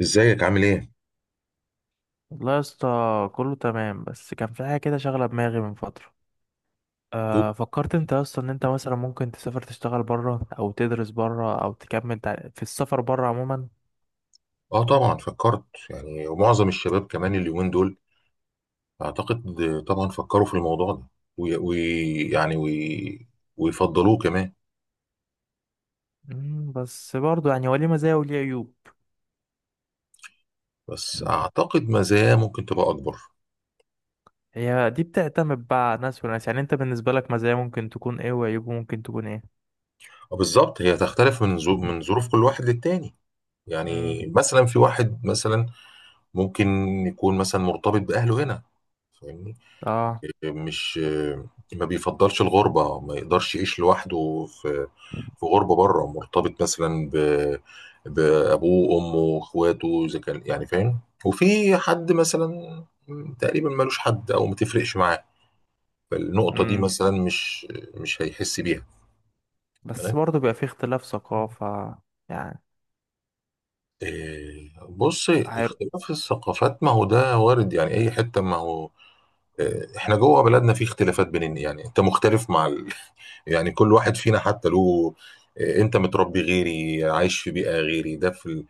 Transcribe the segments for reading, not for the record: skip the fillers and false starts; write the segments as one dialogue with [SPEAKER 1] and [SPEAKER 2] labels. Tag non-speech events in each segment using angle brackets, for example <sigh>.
[SPEAKER 1] ازيك عامل ايه؟
[SPEAKER 2] والله يا اسطى، كله تمام. بس كان في حاجة كده شاغلة دماغي من فترة.
[SPEAKER 1] أوه.
[SPEAKER 2] أه فكرت انت اصلا ان انت مثلا ممكن تسافر، تشتغل بره او تدرس بره او تكمل في السفر بره عموما؟
[SPEAKER 1] اه، طبعا فكرت. يعني ومعظم الشباب كمان اليومين دول، اعتقد، طبعا فكروا في الموضوع ده، ويعني وي يعني وي ويفضلوه كمان.
[SPEAKER 2] بس برضه يعني هو ليه مزايا وليه عيوب.
[SPEAKER 1] بس اعتقد مزاياه ممكن تبقى اكبر.
[SPEAKER 2] هي دي بتعتمد بقى على ناس وناس، يعني انت بالنسبة لك مزايا ممكن تكون ايه وعيوب ممكن تكون ايه؟
[SPEAKER 1] آه، بالظبط، هي تختلف من ظروف كل واحد للتاني.
[SPEAKER 2] مم.
[SPEAKER 1] يعني مثلا في واحد، مثلا ممكن يكون مثلا مرتبط باهله هنا، فاهمني؟
[SPEAKER 2] اه.
[SPEAKER 1] مش ما بيفضلش الغربة، ما يقدرش يعيش لوحده في غربة بره، مرتبط مثلا بأبوه وأمه وإخواته، إذا كان، يعني فاهم. وفي حد مثلا تقريبا ملوش حد أو ما تفرقش معاه، فالنقطة دي
[SPEAKER 2] مم.
[SPEAKER 1] مثلا مش هيحس بيها،
[SPEAKER 2] بس
[SPEAKER 1] فاهم.
[SPEAKER 2] برضه بيبقى في اختلاف ثقافة يعني.
[SPEAKER 1] إيه، بص،
[SPEAKER 2] هير...
[SPEAKER 1] اختلاف الثقافات ما هو ده وارد يعني، أي حتة، ما هو آه، احنا جوه بلدنا في اختلافات بيننا، يعني انت مختلف مع ال... <laughs> يعني كل واحد فينا حتى له آه، انت متربي غيري، عايش في بيئة غيري، ده في ال...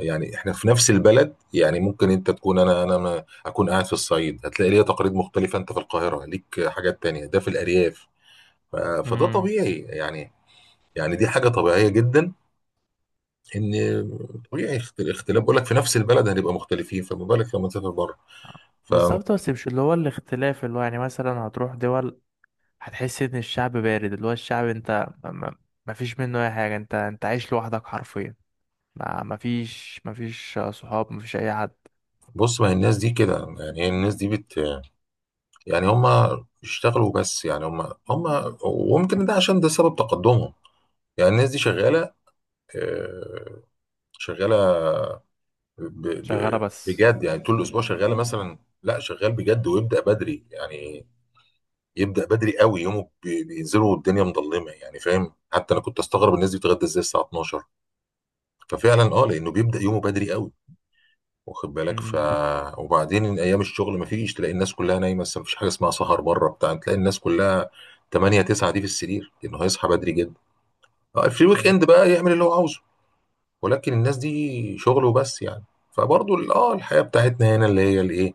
[SPEAKER 1] يعني احنا في نفس البلد، يعني ممكن انت تكون، انا ما اكون قاعد في الصعيد هتلاقي ليا تقاليد مختلفة، انت في القاهرة ليك حاجات تانية، ده في الارياف. ف... فده
[SPEAKER 2] مم.
[SPEAKER 1] طبيعي يعني، يعني دي حاجة طبيعية جدا، ان، طبيعي اختلاف، بقول لك في نفس البلد هنبقى مختلفين، فما بالك لما تسافر بره. فبص،
[SPEAKER 2] بالظبط، بس مش اللي هو الاختلاف، اللي هو يعني مثلا هتروح دول هتحس ان الشعب بارد، اللي هو الشعب انت ما، ما فيش منه اي حاجه، انت عايش لوحدك حرفيا. ما فيش، ما فيش صحاب، ما فيش اي حد،
[SPEAKER 1] ما هي الناس دي كده، يعني هي الناس دي بت، يعني هم اشتغلوا بس، يعني هم وممكن ده عشان ده سبب تقدمهم. يعني الناس دي شغالة آه، شغالة
[SPEAKER 2] شغاله بس.
[SPEAKER 1] بجد، يعني طول الأسبوع شغالة مثلا، لا شغال بجد ويبدأ بدري يعني، يبدأ بدري قوي يومه بينزلوا والدنيا مظلمة، يعني فاهم، حتى أنا كنت أستغرب الناس دي بتتغدى إزاي الساعة 12. ففعلا أه، لأنه بيبدأ يومه بدري قوي، واخد بالك؟ ف،
[SPEAKER 2] امم.
[SPEAKER 1] وبعدين ايام الشغل ما فيش، تلاقي الناس كلها نايمه، بس ما فيش حاجه اسمها سهر بره بتاع، تلاقي الناس كلها 8 9 دي في السرير لانه هيصحى بدري جدا. آه، في الويك
[SPEAKER 2] أمم.
[SPEAKER 1] اند بقى يعمل اللي هو عاوزه، ولكن الناس دي شغل وبس يعني. فبرضه الحياه بتاعتنا هنا اللي هي الايه،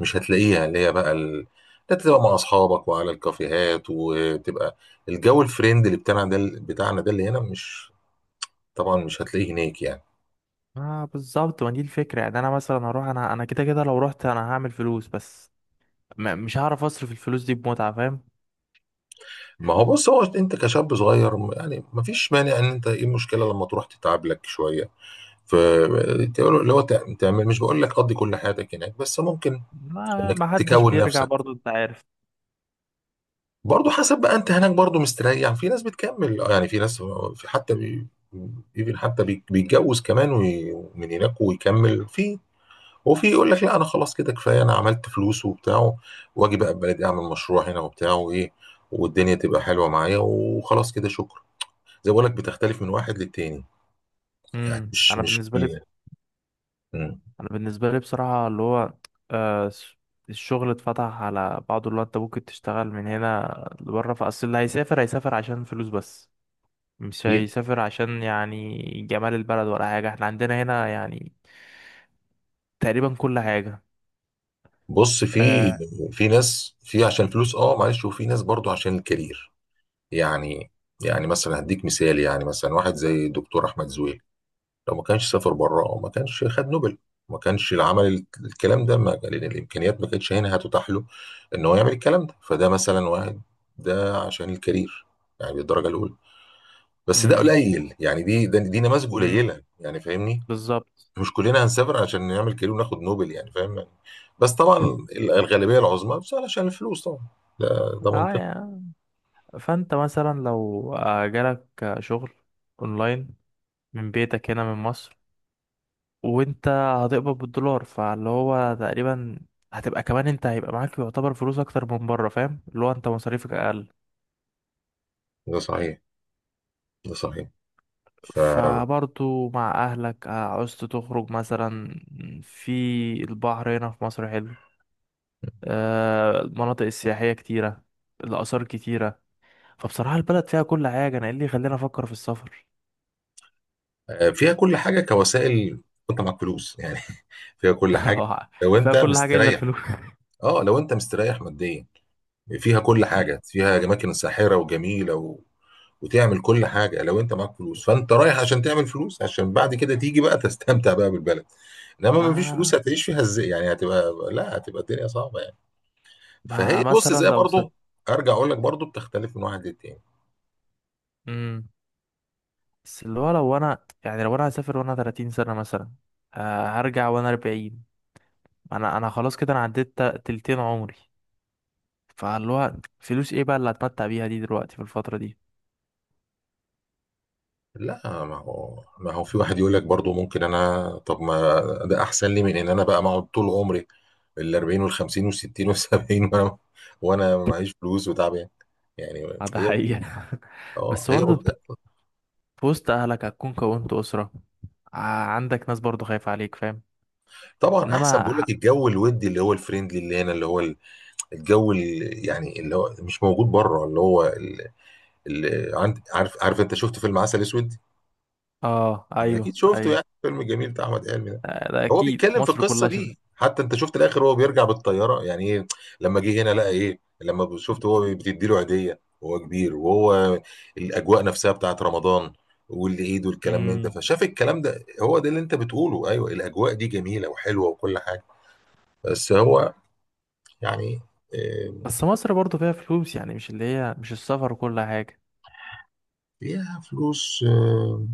[SPEAKER 1] مش هتلاقيها، اللي هي بقى ال... لا، تبقى مع اصحابك وعلى الكافيهات، وتبقى الجو الفريند اللي بتاعنا ده بتاعنا ده اللي هنا، مش، طبعا مش هتلاقيه هناك يعني.
[SPEAKER 2] اه بالظبط، ما دي الفكره. يعني انا مثلا هروح، انا كده كده لو رحت انا هعمل فلوس بس، ما مش هعرف اصرف الفلوس دي بمتعه، فاهم؟
[SPEAKER 1] ما هو بص، هو انت كشاب صغير يعني ما فيش مانع ان انت، ايه المشكله لما تروح تتعب لك شويه، ف تعمل، مش بقول لك قضي كل حياتك هناك، بس ممكن
[SPEAKER 2] ما
[SPEAKER 1] انك
[SPEAKER 2] ما حدش
[SPEAKER 1] تكون
[SPEAKER 2] بيرجع
[SPEAKER 1] نفسك،
[SPEAKER 2] برضو، انت عارف.
[SPEAKER 1] برضو حسب بقى، انت هناك برضو مستريح، في ناس بتكمل آه، يعني في ناس، في حتى بي even حتى بيتجوز كمان من هناك ويكمل في، وفي يقول لك لا انا خلاص كده كفايه، انا عملت فلوس وبتاع، واجي بقى بلدي اعمل مشروع هنا وبتاع وايه، والدنيا تبقى حلوه معايا وخلاص كده شكرا. زي بقول لك، بتختلف من واحد للتاني، يعني مش
[SPEAKER 2] انا
[SPEAKER 1] مش
[SPEAKER 2] بالنسبه لي،
[SPEAKER 1] مم.
[SPEAKER 2] انا بالنسبه لي بصراحه اللي هو آه س- الشغل اتفتح على بعضه. اللي هو انت ممكن تشتغل من هنا لبره، فاصل اللي هيسافر هيسافر عشان فلوس بس، مش
[SPEAKER 1] أكيد.
[SPEAKER 2] هيسافر عشان يعني جمال البلد ولا حاجه. احنا عندنا هنا يعني تقريبا كل حاجه.
[SPEAKER 1] بص في،
[SPEAKER 2] آه.
[SPEAKER 1] في ناس في عشان فلوس اه، معلش، وفي ناس برضو عشان الكارير يعني. يعني مثلا هديك مثال، يعني مثلا واحد زي دكتور احمد زويل، لو ما كانش سافر بره ما كانش خد نوبل، ما كانش العمل الكلام ده، ما لأن الامكانيات ما كانتش هنا هتتاح له ان هو يعمل الكلام ده، فده مثلا واحد، ده عشان الكارير يعني بالدرجه الاولى. بس ده
[SPEAKER 2] امم.
[SPEAKER 1] قليل يعني، دي دي نماذج
[SPEAKER 2] امم.
[SPEAKER 1] قليله، يعني فاهمني.
[SPEAKER 2] بالظبط.
[SPEAKER 1] مش كلنا هنسافر عشان نعمل كارير وناخد نوبل، يعني فاهم يعني؟ بس طبعا الغالبيه العظمى بس علشان الفلوس طبعا. ده ده
[SPEAKER 2] اه
[SPEAKER 1] منطقي.
[SPEAKER 2] يا، فانت مثلا لو جالك شغل اونلاين من بيتك هنا من مصر، وانت هتقبض بالدولار، فاللي هو تقريبا هتبقى كمان، انت هيبقى معاك يعتبر فلوس اكتر من بره، فاهم؟ اللي هو انت مصاريفك اقل.
[SPEAKER 1] ده صحيح، ده صحيح، ففيها
[SPEAKER 2] فبرضو مع اهلك عاوزت تخرج مثلا، في البحر هنا في مصر حلو، المناطق السياحية كتيرة، الآثار كتيرة. فبصراحة البلد فيها كل حاجة، أنا إيه اللي يخليني أفكر في السفر؟
[SPEAKER 1] كل حاجه كوسائل، وانت معاك فلوس يعني. <laughs> فيها كل حاجه،
[SPEAKER 2] <laughs>
[SPEAKER 1] لو
[SPEAKER 2] فيها
[SPEAKER 1] انت
[SPEAKER 2] كل حاجة إلا
[SPEAKER 1] مستريح،
[SPEAKER 2] الفلوس.
[SPEAKER 1] اه لو انت مستريح ماديا، فيها كل حاجه،
[SPEAKER 2] <laughs>
[SPEAKER 1] فيها اماكن ساحره وجميله و... وتعمل كل حاجه لو انت معاك فلوس. فانت رايح عشان تعمل فلوس، عشان بعد كده تيجي بقى تستمتع بقى بالبلد، انما ما فيش
[SPEAKER 2] ما
[SPEAKER 1] فلوس هتعيش فيها ازاي يعني؟ هتبقى، لا هتبقى الدنيا صعبه يعني.
[SPEAKER 2] ما
[SPEAKER 1] فهي بص،
[SPEAKER 2] مثلا
[SPEAKER 1] زي
[SPEAKER 2] لو سافرت،
[SPEAKER 1] برضه، ارجع اقول لك برضه بتختلف من واحد للتاني.
[SPEAKER 2] بس اللي هو لو انا، يعني لو انا هسافر وانا 30 سنة مثلا، هرجع وانا 40. انا خلاص كده، انا عديت تلتين عمري. فاللي هو فلوس ايه بقى اللي هتمتع بيها دي دلوقتي في الفترة دي؟
[SPEAKER 1] لا ما هو في واحد يقول لك برضه، ممكن انا طب، ما ده احسن لي من ان انا بقى اقعد طول عمري ال 40 وال 50 وال 60 وال 70، وانا، وانا معيش فلوس وتعبان يعني. يعني
[SPEAKER 2] ده
[SPEAKER 1] هي
[SPEAKER 2] حقيقة. <laughs>
[SPEAKER 1] اه،
[SPEAKER 2] بس
[SPEAKER 1] هي
[SPEAKER 2] برضه انت في وسط اهلك، هتكون كونت اسرة، ع- عندك ناس برضه خايفة عليك، فاهم؟
[SPEAKER 1] طبعا. احسن،
[SPEAKER 2] انما
[SPEAKER 1] بقول
[SPEAKER 2] ح-
[SPEAKER 1] لك الجو الودي اللي هو الفريندلي اللي هنا، اللي هو الجو اللي، يعني اللي هو مش موجود بره، اللي هو عارف انت شفت فيلم عسل اسود؟
[SPEAKER 2] اه،
[SPEAKER 1] اكيد
[SPEAKER 2] ايوه
[SPEAKER 1] شفته،
[SPEAKER 2] ايوه.
[SPEAKER 1] يعني الفيلم الجميل بتاع احمد حلمي ده.
[SPEAKER 2] ده
[SPEAKER 1] هو
[SPEAKER 2] اكيد
[SPEAKER 1] بيتكلم في
[SPEAKER 2] مصر
[SPEAKER 1] القصه
[SPEAKER 2] كلها شفت.
[SPEAKER 1] دي، حتى انت شفت الاخر، هو بيرجع بالطياره يعني ايه، لما جه هنا لقى ايه، لما شفت هو بتدي له هديه وهو كبير، وهو الاجواء نفسها بتاعت رمضان والعيد والكلام من ده،
[SPEAKER 2] امم.
[SPEAKER 1] فشاف الكلام ده، هو ده اللي انت بتقوله، ايوه، الاجواء دي جميله وحلوه وكل حاجه. بس هو يعني آه،
[SPEAKER 2] بس مصر برضه فيها فلوس يعني، مش اللي هي مش السفر وكل حاجة.
[SPEAKER 1] فيها فلوس آه،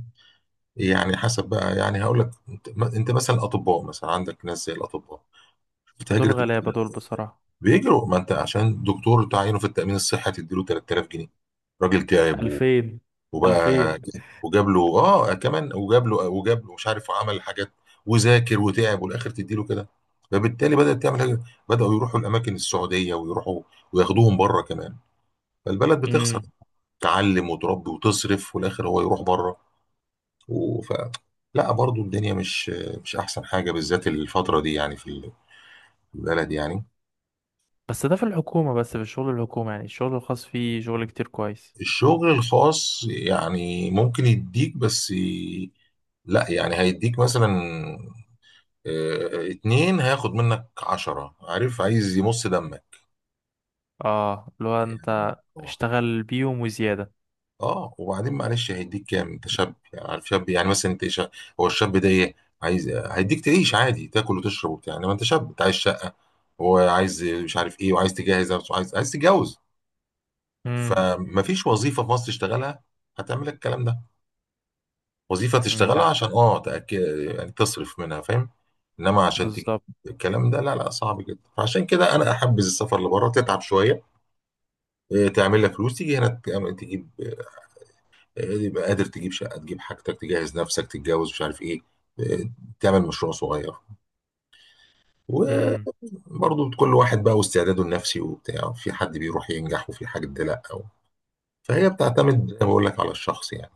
[SPEAKER 1] يعني حسب بقى. يعني هقول لك انت، انت مثلا الاطباء مثلا، عندك ناس زي الاطباء بتهاجر،
[SPEAKER 2] دول غلابة دول بصراحة.
[SPEAKER 1] بيجروا، ما انت عشان دكتور تعينه في التأمين الصحي تديله 3000 جنيه، راجل تعب و،
[SPEAKER 2] 2000.
[SPEAKER 1] وبقى
[SPEAKER 2] 2000.
[SPEAKER 1] وجاب له اه كمان، وجاب له مش عارف، وعمل حاجات وذاكر وتعب والاخر تديله كده. فبالتالي بدأت تعمل حاجة، بدأوا يروحوا الأماكن السعودية ويروحوا وياخدوهم بره كمان، فالبلد بتخسر،
[SPEAKER 2] امم.
[SPEAKER 1] تعلم وتربي وتصرف والآخر هو يروح بره. وف... لا برضو الدنيا مش أحسن حاجة بالذات الفترة دي يعني، في البلد يعني.
[SPEAKER 2] بس ده في الحكومة، بس في الشغل الحكومي، يعني الشغل الخاص فيه شغل كتير كويس.
[SPEAKER 1] الشغل الخاص يعني ممكن يديك بس لا يعني هيديك مثلا آه، اتنين هياخد منك عشرة، عارف، عايز يمص دمك.
[SPEAKER 2] اه اللي هو انت اشتغل بيهم وزيادة.
[SPEAKER 1] اه، وبعدين معلش، هيديك كام؟ انت شاب يعني، عارف شاب يعني، مثلا انت شا... هو الشاب ده ايه عايز؟ هيديك تعيش عادي، تاكل وتشرب وبتاع، انما انت شاب، انت عايز شقة، وعايز مش عارف ايه، وعايز تجهز نفسك، وعايز تتجوز.
[SPEAKER 2] امم.
[SPEAKER 1] فمفيش وظيفة في مصر تشتغلها هتعمل لك الكلام ده. وظيفة
[SPEAKER 2] امم.
[SPEAKER 1] تشتغلها
[SPEAKER 2] ده
[SPEAKER 1] عشان اه تأكد، يعني تصرف منها فاهم، انما عشان تجيب
[SPEAKER 2] بالظبط.
[SPEAKER 1] الكلام ده لا، صعب جدا. فعشان كده انا احبذ السفر لبره، تتعب شويه إيه، تعمل لك فلوس، تيجي هنا تجيب إيه، يبقى قادر تجيب شقه، تجيب حاجتك، تجهز نفسك، تتجوز، مش عارف ايه إيه، تعمل مشروع صغير.
[SPEAKER 2] امم.
[SPEAKER 1] وبرضه كل واحد بقى واستعداده النفسي وبتاع، في حد بيروح ينجح، وفي حد لا أو. فهي بتعتمد زي ما بقول لك على الشخص، يعني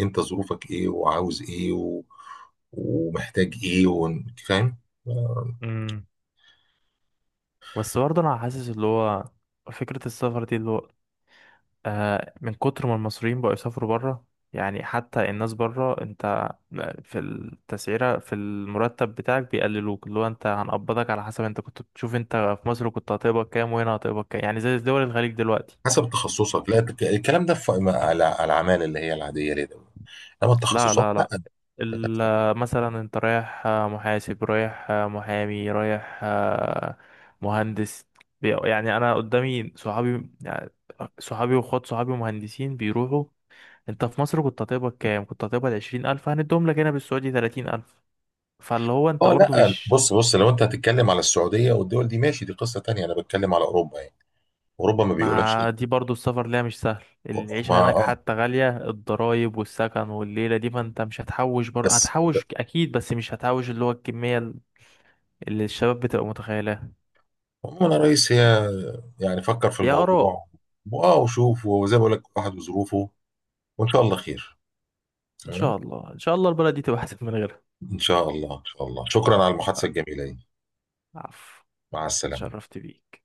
[SPEAKER 1] انت ظروفك ايه؟ وعاوز ايه و... ومحتاج ايه و... فاهم.
[SPEAKER 2] امم. بس برضه انا حاسس اللي هو فكرة السفر دي اللي هو من كتر ما المصريين بقوا يسافروا بره، يعني حتى الناس بره، انت في التسعيرة، في المرتب بتاعك بيقللوك، اللي هو انت هنقبضك على حسب انت كنت بتشوف، انت في مصر كنت هتقبض كام وهنا هتقبض كام، يعني زي دول الخليج دلوقتي.
[SPEAKER 1] حسب تخصصك، لا الكلام ده في على العمال اللي هي العاديه، ليه ده، انما
[SPEAKER 2] لا
[SPEAKER 1] التخصصات
[SPEAKER 2] لا
[SPEAKER 1] لا.
[SPEAKER 2] لا، مثلا انت رايح، محاسب رايح، محامي رايح، مهندس. يعني انا قدامي صحابي يعني، صحابي واخوات صحابي مهندسين بيروحوا. انت في مصر كنت هتقبض كام؟ كنت هتقبض 20 الف، هنديهم لك هنا بالسعودي 30 الف. فاللي هو انت
[SPEAKER 1] اه
[SPEAKER 2] برضو
[SPEAKER 1] لا،
[SPEAKER 2] مش،
[SPEAKER 1] بص، لو انت هتتكلم على السعوديه والدول دي ماشي، دي قصه تانية، انا بتكلم على اوروبا يعني. اوروبا ما بيقولكش.
[SPEAKER 2] ما دي برضو السفر ليها مش سهل.
[SPEAKER 1] ما
[SPEAKER 2] العيشة هناك
[SPEAKER 1] اه،
[SPEAKER 2] حتى غالية، الضرايب والسكن والليلة دي، فانت مش هتحوش برضو،
[SPEAKER 1] بس ب-،
[SPEAKER 2] هتحوش اكيد، بس مش هتحوش اللي هو الكمية اللي الشباب بتبقى متخيلها.
[SPEAKER 1] عموما يا ريس هي، يعني فكر في
[SPEAKER 2] يا آراء،
[SPEAKER 1] الموضوع، واه وشوف، وزي ما بقول لك، واحد وظروفه، وان شاء الله خير.
[SPEAKER 2] ان
[SPEAKER 1] تمام.
[SPEAKER 2] شاء الله، ان شاء الله البلد دي تبقى احسن من غيرها.
[SPEAKER 1] إن شاء الله إن شاء الله. شكرا على المحادثة الجميلة دي.
[SPEAKER 2] <laughs> عفو،
[SPEAKER 1] مع السلامة.
[SPEAKER 2] شرفت بيك.